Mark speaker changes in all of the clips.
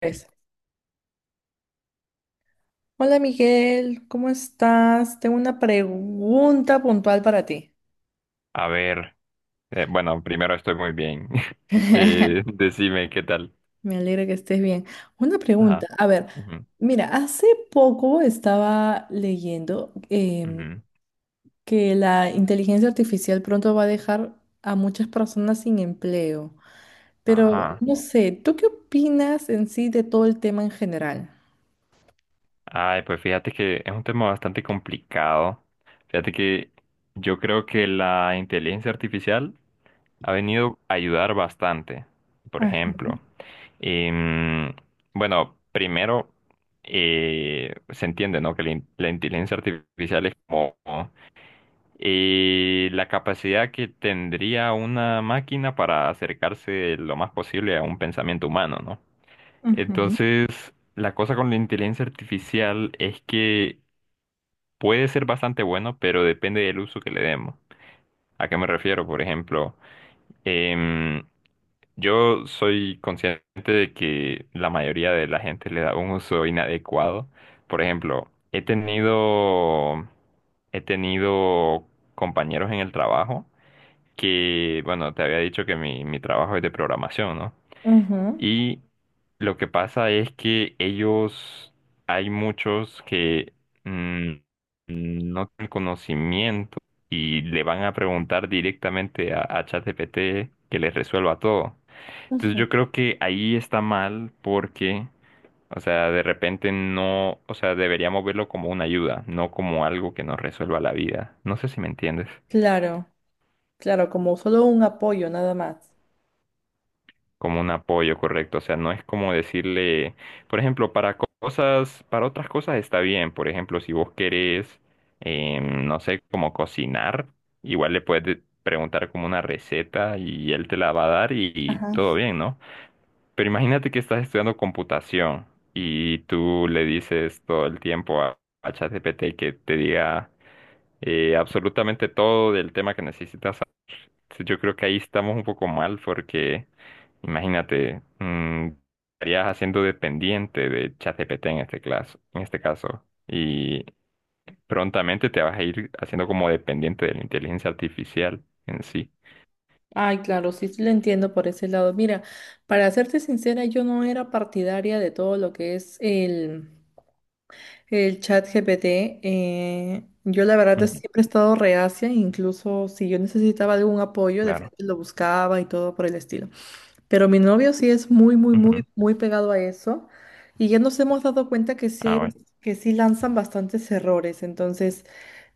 Speaker 1: Pues, hola Miguel, ¿cómo estás? Tengo una pregunta puntual para ti.
Speaker 2: A ver, bueno, primero estoy muy bien. Decime qué tal.
Speaker 1: Me alegra que estés bien. Una pregunta,
Speaker 2: Ajá.
Speaker 1: a ver,
Speaker 2: Ujú,
Speaker 1: mira, hace poco estaba leyendo
Speaker 2: ujú.
Speaker 1: que la inteligencia artificial pronto va a dejar a muchas personas sin empleo, pero
Speaker 2: Ajá.
Speaker 1: no sé, ¿tú qué opinas en sí de todo el tema en general?
Speaker 2: Ay, pues fíjate que es un tema bastante complicado. Fíjate que yo creo que la inteligencia artificial ha venido a ayudar bastante. Por
Speaker 1: Ah,
Speaker 2: ejemplo, em, bueno, primero se entiende, ¿no? Que la inteligencia artificial es como y la capacidad que tendría una máquina para acercarse lo más posible a un pensamiento humano, ¿no?
Speaker 1: ujú,
Speaker 2: Entonces, la cosa con la inteligencia artificial es que puede ser bastante bueno, pero depende del uso que le demos. ¿A qué me refiero? Por ejemplo, em, yo soy consciente de que la mayoría de la gente le da un uso inadecuado. Por ejemplo, he tenido compañeros en el trabajo que, bueno, te había dicho que mi trabajo es de programación, ¿no?
Speaker 1: ujú,
Speaker 2: Y lo que pasa es que ellos, hay muchos que mm, no tienen conocimiento y le van a preguntar directamente a ChatGPT que les resuelva todo. Entonces
Speaker 1: ujú.
Speaker 2: yo creo que ahí está mal porque, o sea, de repente no, o sea, deberíamos verlo como una ayuda, no como algo que nos resuelva la vida. No sé si me entiendes.
Speaker 1: Claro, claro, como solo un apoyo nada más.
Speaker 2: Como un apoyo, correcto. O sea, no es como decirle, por ejemplo, cosas, para otras cosas está bien. Por ejemplo, si vos querés, no sé, como cocinar, igual le puedes preguntar como una receta y él te la va a dar y todo bien, ¿no? Pero imagínate que estás estudiando computación y tú le dices todo el tiempo a ChatGPT que te diga absolutamente todo del tema que necesitas. Yo creo que ahí estamos un poco mal porque imagínate, estarías haciendo dependiente de ChatGPT en este caso, y prontamente te vas a ir haciendo como dependiente de la inteligencia artificial en sí.
Speaker 1: Ay, claro, sí, sí lo entiendo por ese lado. Mira, para serte sincera, yo no era partidaria de todo lo que es el chat GPT. Yo la verdad
Speaker 2: Ujú.
Speaker 1: siempre he estado reacia, incluso si yo necesitaba algún apoyo, de
Speaker 2: Claro.
Speaker 1: frente lo buscaba y todo por el estilo. Pero mi novio sí es muy, muy, muy,
Speaker 2: Ujú.
Speaker 1: muy pegado a eso. Y ya nos hemos dado cuenta que sí
Speaker 2: Ah,
Speaker 1: hay,
Speaker 2: bueno.
Speaker 1: que sí lanzan bastantes errores. Entonces,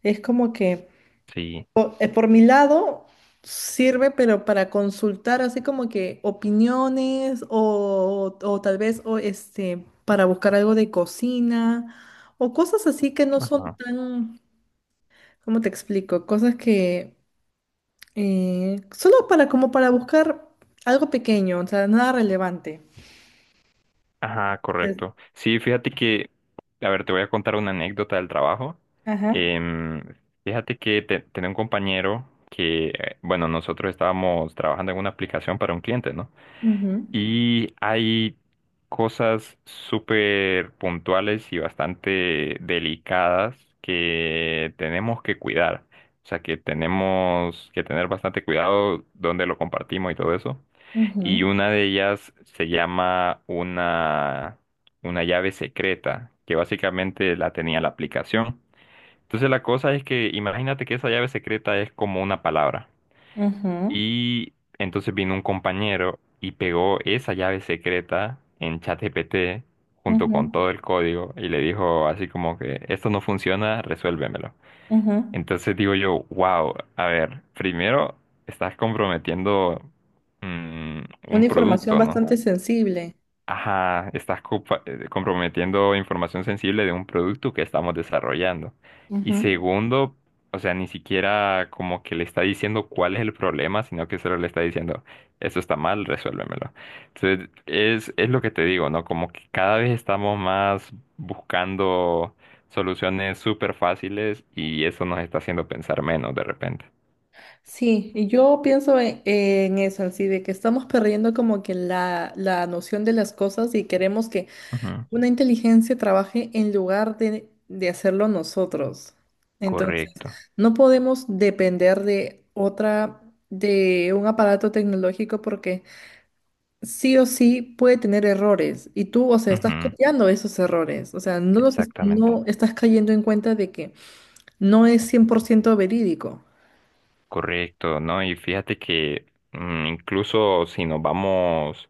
Speaker 1: es como que...
Speaker 2: Sí.
Speaker 1: Por mi lado, sirve, pero para consultar así como que opiniones o tal vez o este, para buscar algo de cocina o cosas así que no son
Speaker 2: Ajá.
Speaker 1: tan, ¿cómo te explico? Cosas que solo para como para buscar algo pequeño, o sea, nada relevante.
Speaker 2: Ajá,
Speaker 1: Es-
Speaker 2: correcto. Sí, fíjate que, a ver, te voy a contar una anécdota del trabajo.
Speaker 1: Ajá.
Speaker 2: Em, fíjate que tenía un compañero que, bueno, nosotros estábamos trabajando en una aplicación para un cliente, ¿no?
Speaker 1: Ujú,
Speaker 2: Y hay cosas súper puntuales y bastante delicadas que tenemos que cuidar. O sea, que tenemos que tener bastante cuidado donde lo compartimos y todo eso. Y
Speaker 1: ujú,
Speaker 2: una de ellas se llama una llave secreta, que básicamente la tenía la aplicación. Entonces la cosa es que imagínate que esa llave secreta es como una palabra. Y entonces vino un compañero y pegó esa llave secreta en ChatGPT junto
Speaker 1: ujú,
Speaker 2: con
Speaker 1: ujú,
Speaker 2: todo el código y le dijo así como que esto no funciona, resuélvemelo.
Speaker 1: ujú.
Speaker 2: Entonces digo yo, wow, a ver, primero estás comprometiendo mm,
Speaker 1: Una
Speaker 2: un
Speaker 1: información
Speaker 2: producto, ¿no?
Speaker 1: bastante sensible.
Speaker 2: Ajá, comprometiendo información sensible de un producto que estamos desarrollando. Y
Speaker 1: Ujú.
Speaker 2: segundo, o sea, ni siquiera como que le está diciendo cuál es el problema, sino que solo le está diciendo, eso está mal, resuélvemelo. Entonces, es lo que te digo, ¿no? Como que cada vez estamos más buscando soluciones súper fáciles y eso nos está haciendo pensar menos de repente.
Speaker 1: Sí, y yo pienso en eso, así de que estamos perdiendo como que la noción de las cosas y queremos que
Speaker 2: Ujú,
Speaker 1: una inteligencia trabaje en lugar de hacerlo nosotros. Entonces,
Speaker 2: correcto.
Speaker 1: no podemos depender de otra, de un aparato tecnológico porque sí o sí puede tener errores y tú, o sea, estás
Speaker 2: Ujú,
Speaker 1: copiando esos errores, o sea, no los,
Speaker 2: exactamente.
Speaker 1: no estás cayendo en cuenta de que no es 100% verídico.
Speaker 2: Correcto, ¿no? Y fíjate que incluso si nos vamos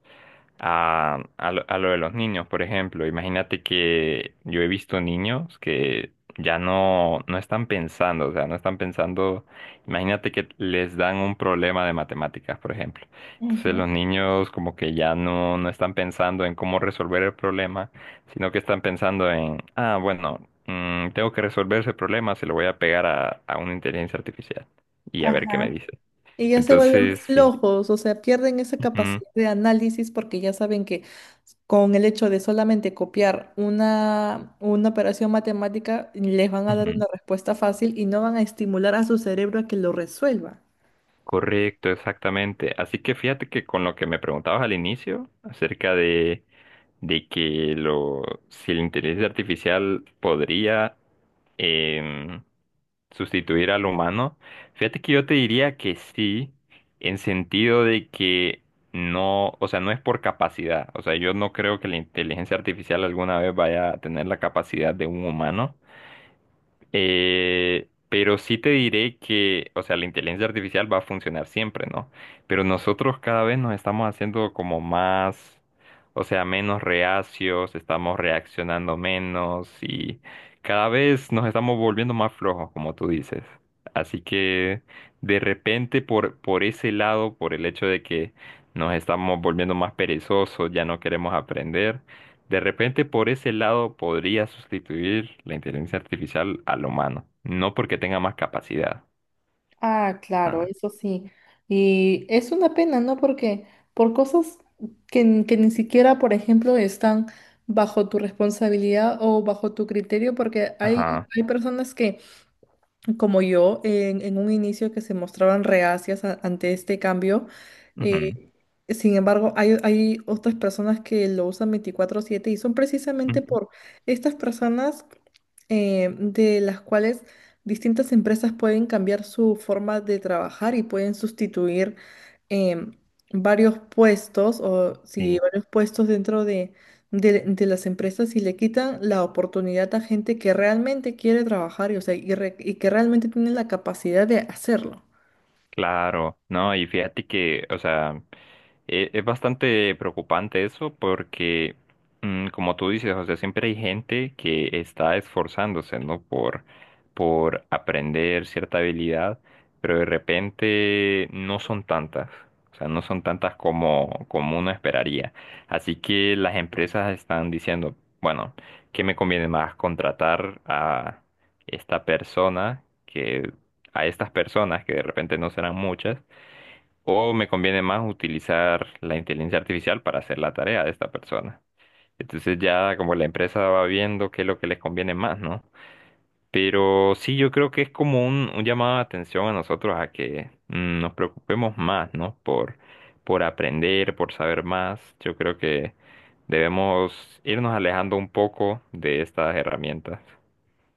Speaker 2: a lo de los niños, por ejemplo. Imagínate que yo he visto niños que ya no están pensando, o sea, no están pensando, imagínate que les dan un problema de matemáticas, por ejemplo. Entonces
Speaker 1: Ujú,
Speaker 2: los niños como que no están pensando en cómo resolver el problema, sino que están pensando en, ah, bueno, tengo que resolver ese problema, se lo voy a pegar a una inteligencia artificial y a ver qué me
Speaker 1: ajá.
Speaker 2: dice.
Speaker 1: Y ya se vuelven
Speaker 2: Entonces, sí.
Speaker 1: flojos, o sea, pierden esa
Speaker 2: Ujú,
Speaker 1: capacidad de análisis porque ya saben que con el hecho de solamente copiar una operación matemática les van a dar
Speaker 2: ujú.
Speaker 1: una respuesta fácil y no van a estimular a su cerebro a que lo resuelva.
Speaker 2: Correcto, exactamente. Así que fíjate que con lo que me preguntabas al inicio acerca de que lo, si la inteligencia artificial podría em, sustituir al humano, fíjate que yo te diría que sí, en sentido de que no, o sea, no es por capacidad. O sea, yo no creo que la inteligencia artificial alguna vez vaya a tener la capacidad de un humano pero sí te diré que, o sea, la inteligencia artificial va a funcionar siempre, ¿no? Pero nosotros cada vez nos estamos haciendo como más, o sea, menos reacios, estamos reaccionando menos y cada vez nos estamos volviendo más flojos, como tú dices. Así que de repente por ese lado, por el hecho de que nos estamos volviendo más perezosos, ya no queremos aprender, de repente, por ese lado, podría sustituir la inteligencia artificial al humano. No porque tenga más capacidad.
Speaker 1: Ah, claro,
Speaker 2: Ah,
Speaker 1: eso sí. Y es una pena, ¿no? Porque por cosas que, que ni siquiera, por ejemplo, están bajo tu responsabilidad o bajo tu criterio, porque hay,
Speaker 2: ajá.
Speaker 1: hay personas que como yo, en un inicio que se mostraban reacias ante este cambio.
Speaker 2: Ujú,
Speaker 1: eh, Sin embargo, hay otras personas que lo usan 24/7 y son precisamente
Speaker 2: ujú,
Speaker 1: por estas personas de las cuales distintas empresas pueden cambiar su forma de trabajar y pueden sustituir em, varios puestos o si
Speaker 2: sí.
Speaker 1: varios puestos dentro de, de las empresas y le quitan la oportunidad a gente que realmente quiere trabajar y, o sea, y que realmente tiene la capacidad de hacerlo.
Speaker 2: Claro, no, y fíjate que, o sea, es bastante preocupante eso porque, como tú dices, o sea, siempre hay gente que está esforzándose, ¿no? Por aprender cierta habilidad, pero de repente no son tantas, o sea, no son tantas como, como uno esperaría. Así que las empresas están diciendo, bueno, ¿qué me conviene más? ¿Contratar a esta persona? Que a estas personas, que de repente no serán muchas, o me conviene más utilizar la inteligencia artificial para hacer la tarea de esta persona. Entonces ya como la empresa va viendo qué es lo que les conviene más, ¿no? Pero sí, yo creo que es como un llamado de atención a nosotros a que nos preocupemos más, ¿no? Por aprender, por saber más. Yo creo que debemos irnos alejando un poco de estas herramientas.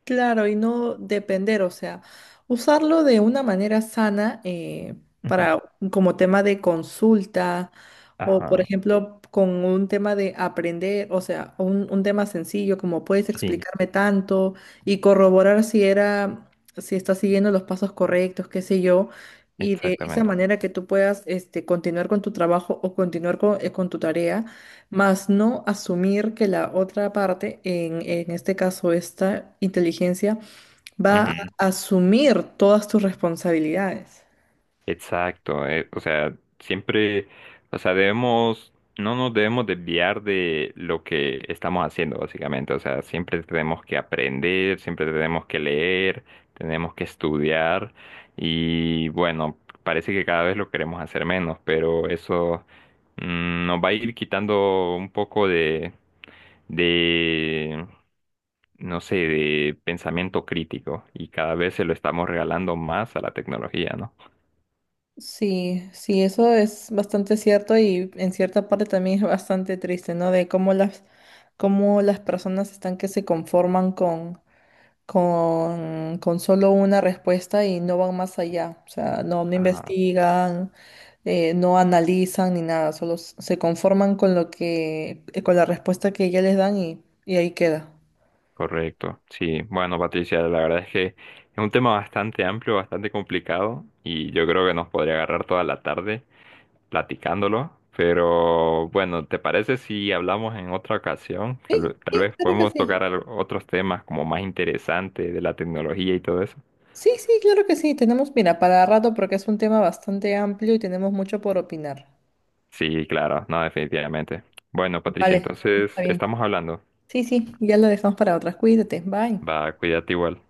Speaker 1: Claro, y no depender, o sea, usarlo de una manera sana,
Speaker 2: Ujú.
Speaker 1: para como tema de consulta o, por
Speaker 2: Ajá,
Speaker 1: ejemplo, con un tema de aprender, o sea, un tema sencillo como puedes
Speaker 2: sí.
Speaker 1: explicarme tanto y corroborar si era, si está siguiendo los pasos correctos, qué sé yo, y de esa
Speaker 2: Exactamente.
Speaker 1: manera que tú puedas este, continuar con tu trabajo o continuar con tu tarea, más no asumir que la otra parte, en este caso esta inteligencia, va a asumir todas tus responsabilidades.
Speaker 2: Exacto, o sea, siempre, o sea, debemos, no nos debemos desviar de lo que estamos haciendo, básicamente, o sea, siempre tenemos que aprender, siempre tenemos que leer, tenemos que estudiar y bueno, parece que cada vez lo queremos hacer menos, pero eso nos va a ir quitando un poco de, no sé, de pensamiento crítico y cada vez se lo estamos regalando más a la tecnología,
Speaker 1: Sí, sí, eso es bastante cierto y en cierta parte también es bastante triste, ¿no? De cómo las personas están que se conforman con solo una respuesta y no van más allá. O sea, no, no
Speaker 2: ¿no?
Speaker 1: investigan, no analizan ni nada, solo se conforman con lo que, con la respuesta que ya les dan y ahí queda.
Speaker 2: Correcto, sí. Bueno, Patricia, la verdad es que es un tema bastante amplio, bastante complicado y yo creo que nos podría agarrar toda la tarde platicándolo, pero bueno, ¿te parece si hablamos en otra ocasión?
Speaker 1: Sí,
Speaker 2: Tal
Speaker 1: sí,
Speaker 2: vez
Speaker 1: claro que
Speaker 2: podemos
Speaker 1: sí.
Speaker 2: tocar otros temas como más interesantes de la tecnología y todo eso.
Speaker 1: Sí, sí, claro que sí. Tenemos, mira, para rato porque es un tema bastante amplio y tenemos mucho por opinar.
Speaker 2: Sí, claro, no, definitivamente. Bueno, Patricia,
Speaker 1: Vale,
Speaker 2: entonces
Speaker 1: está bien.
Speaker 2: estamos hablando.
Speaker 1: Sí, sí, ya lo dejamos para otras. Cuídate, bye.
Speaker 2: Va, cuídate igual.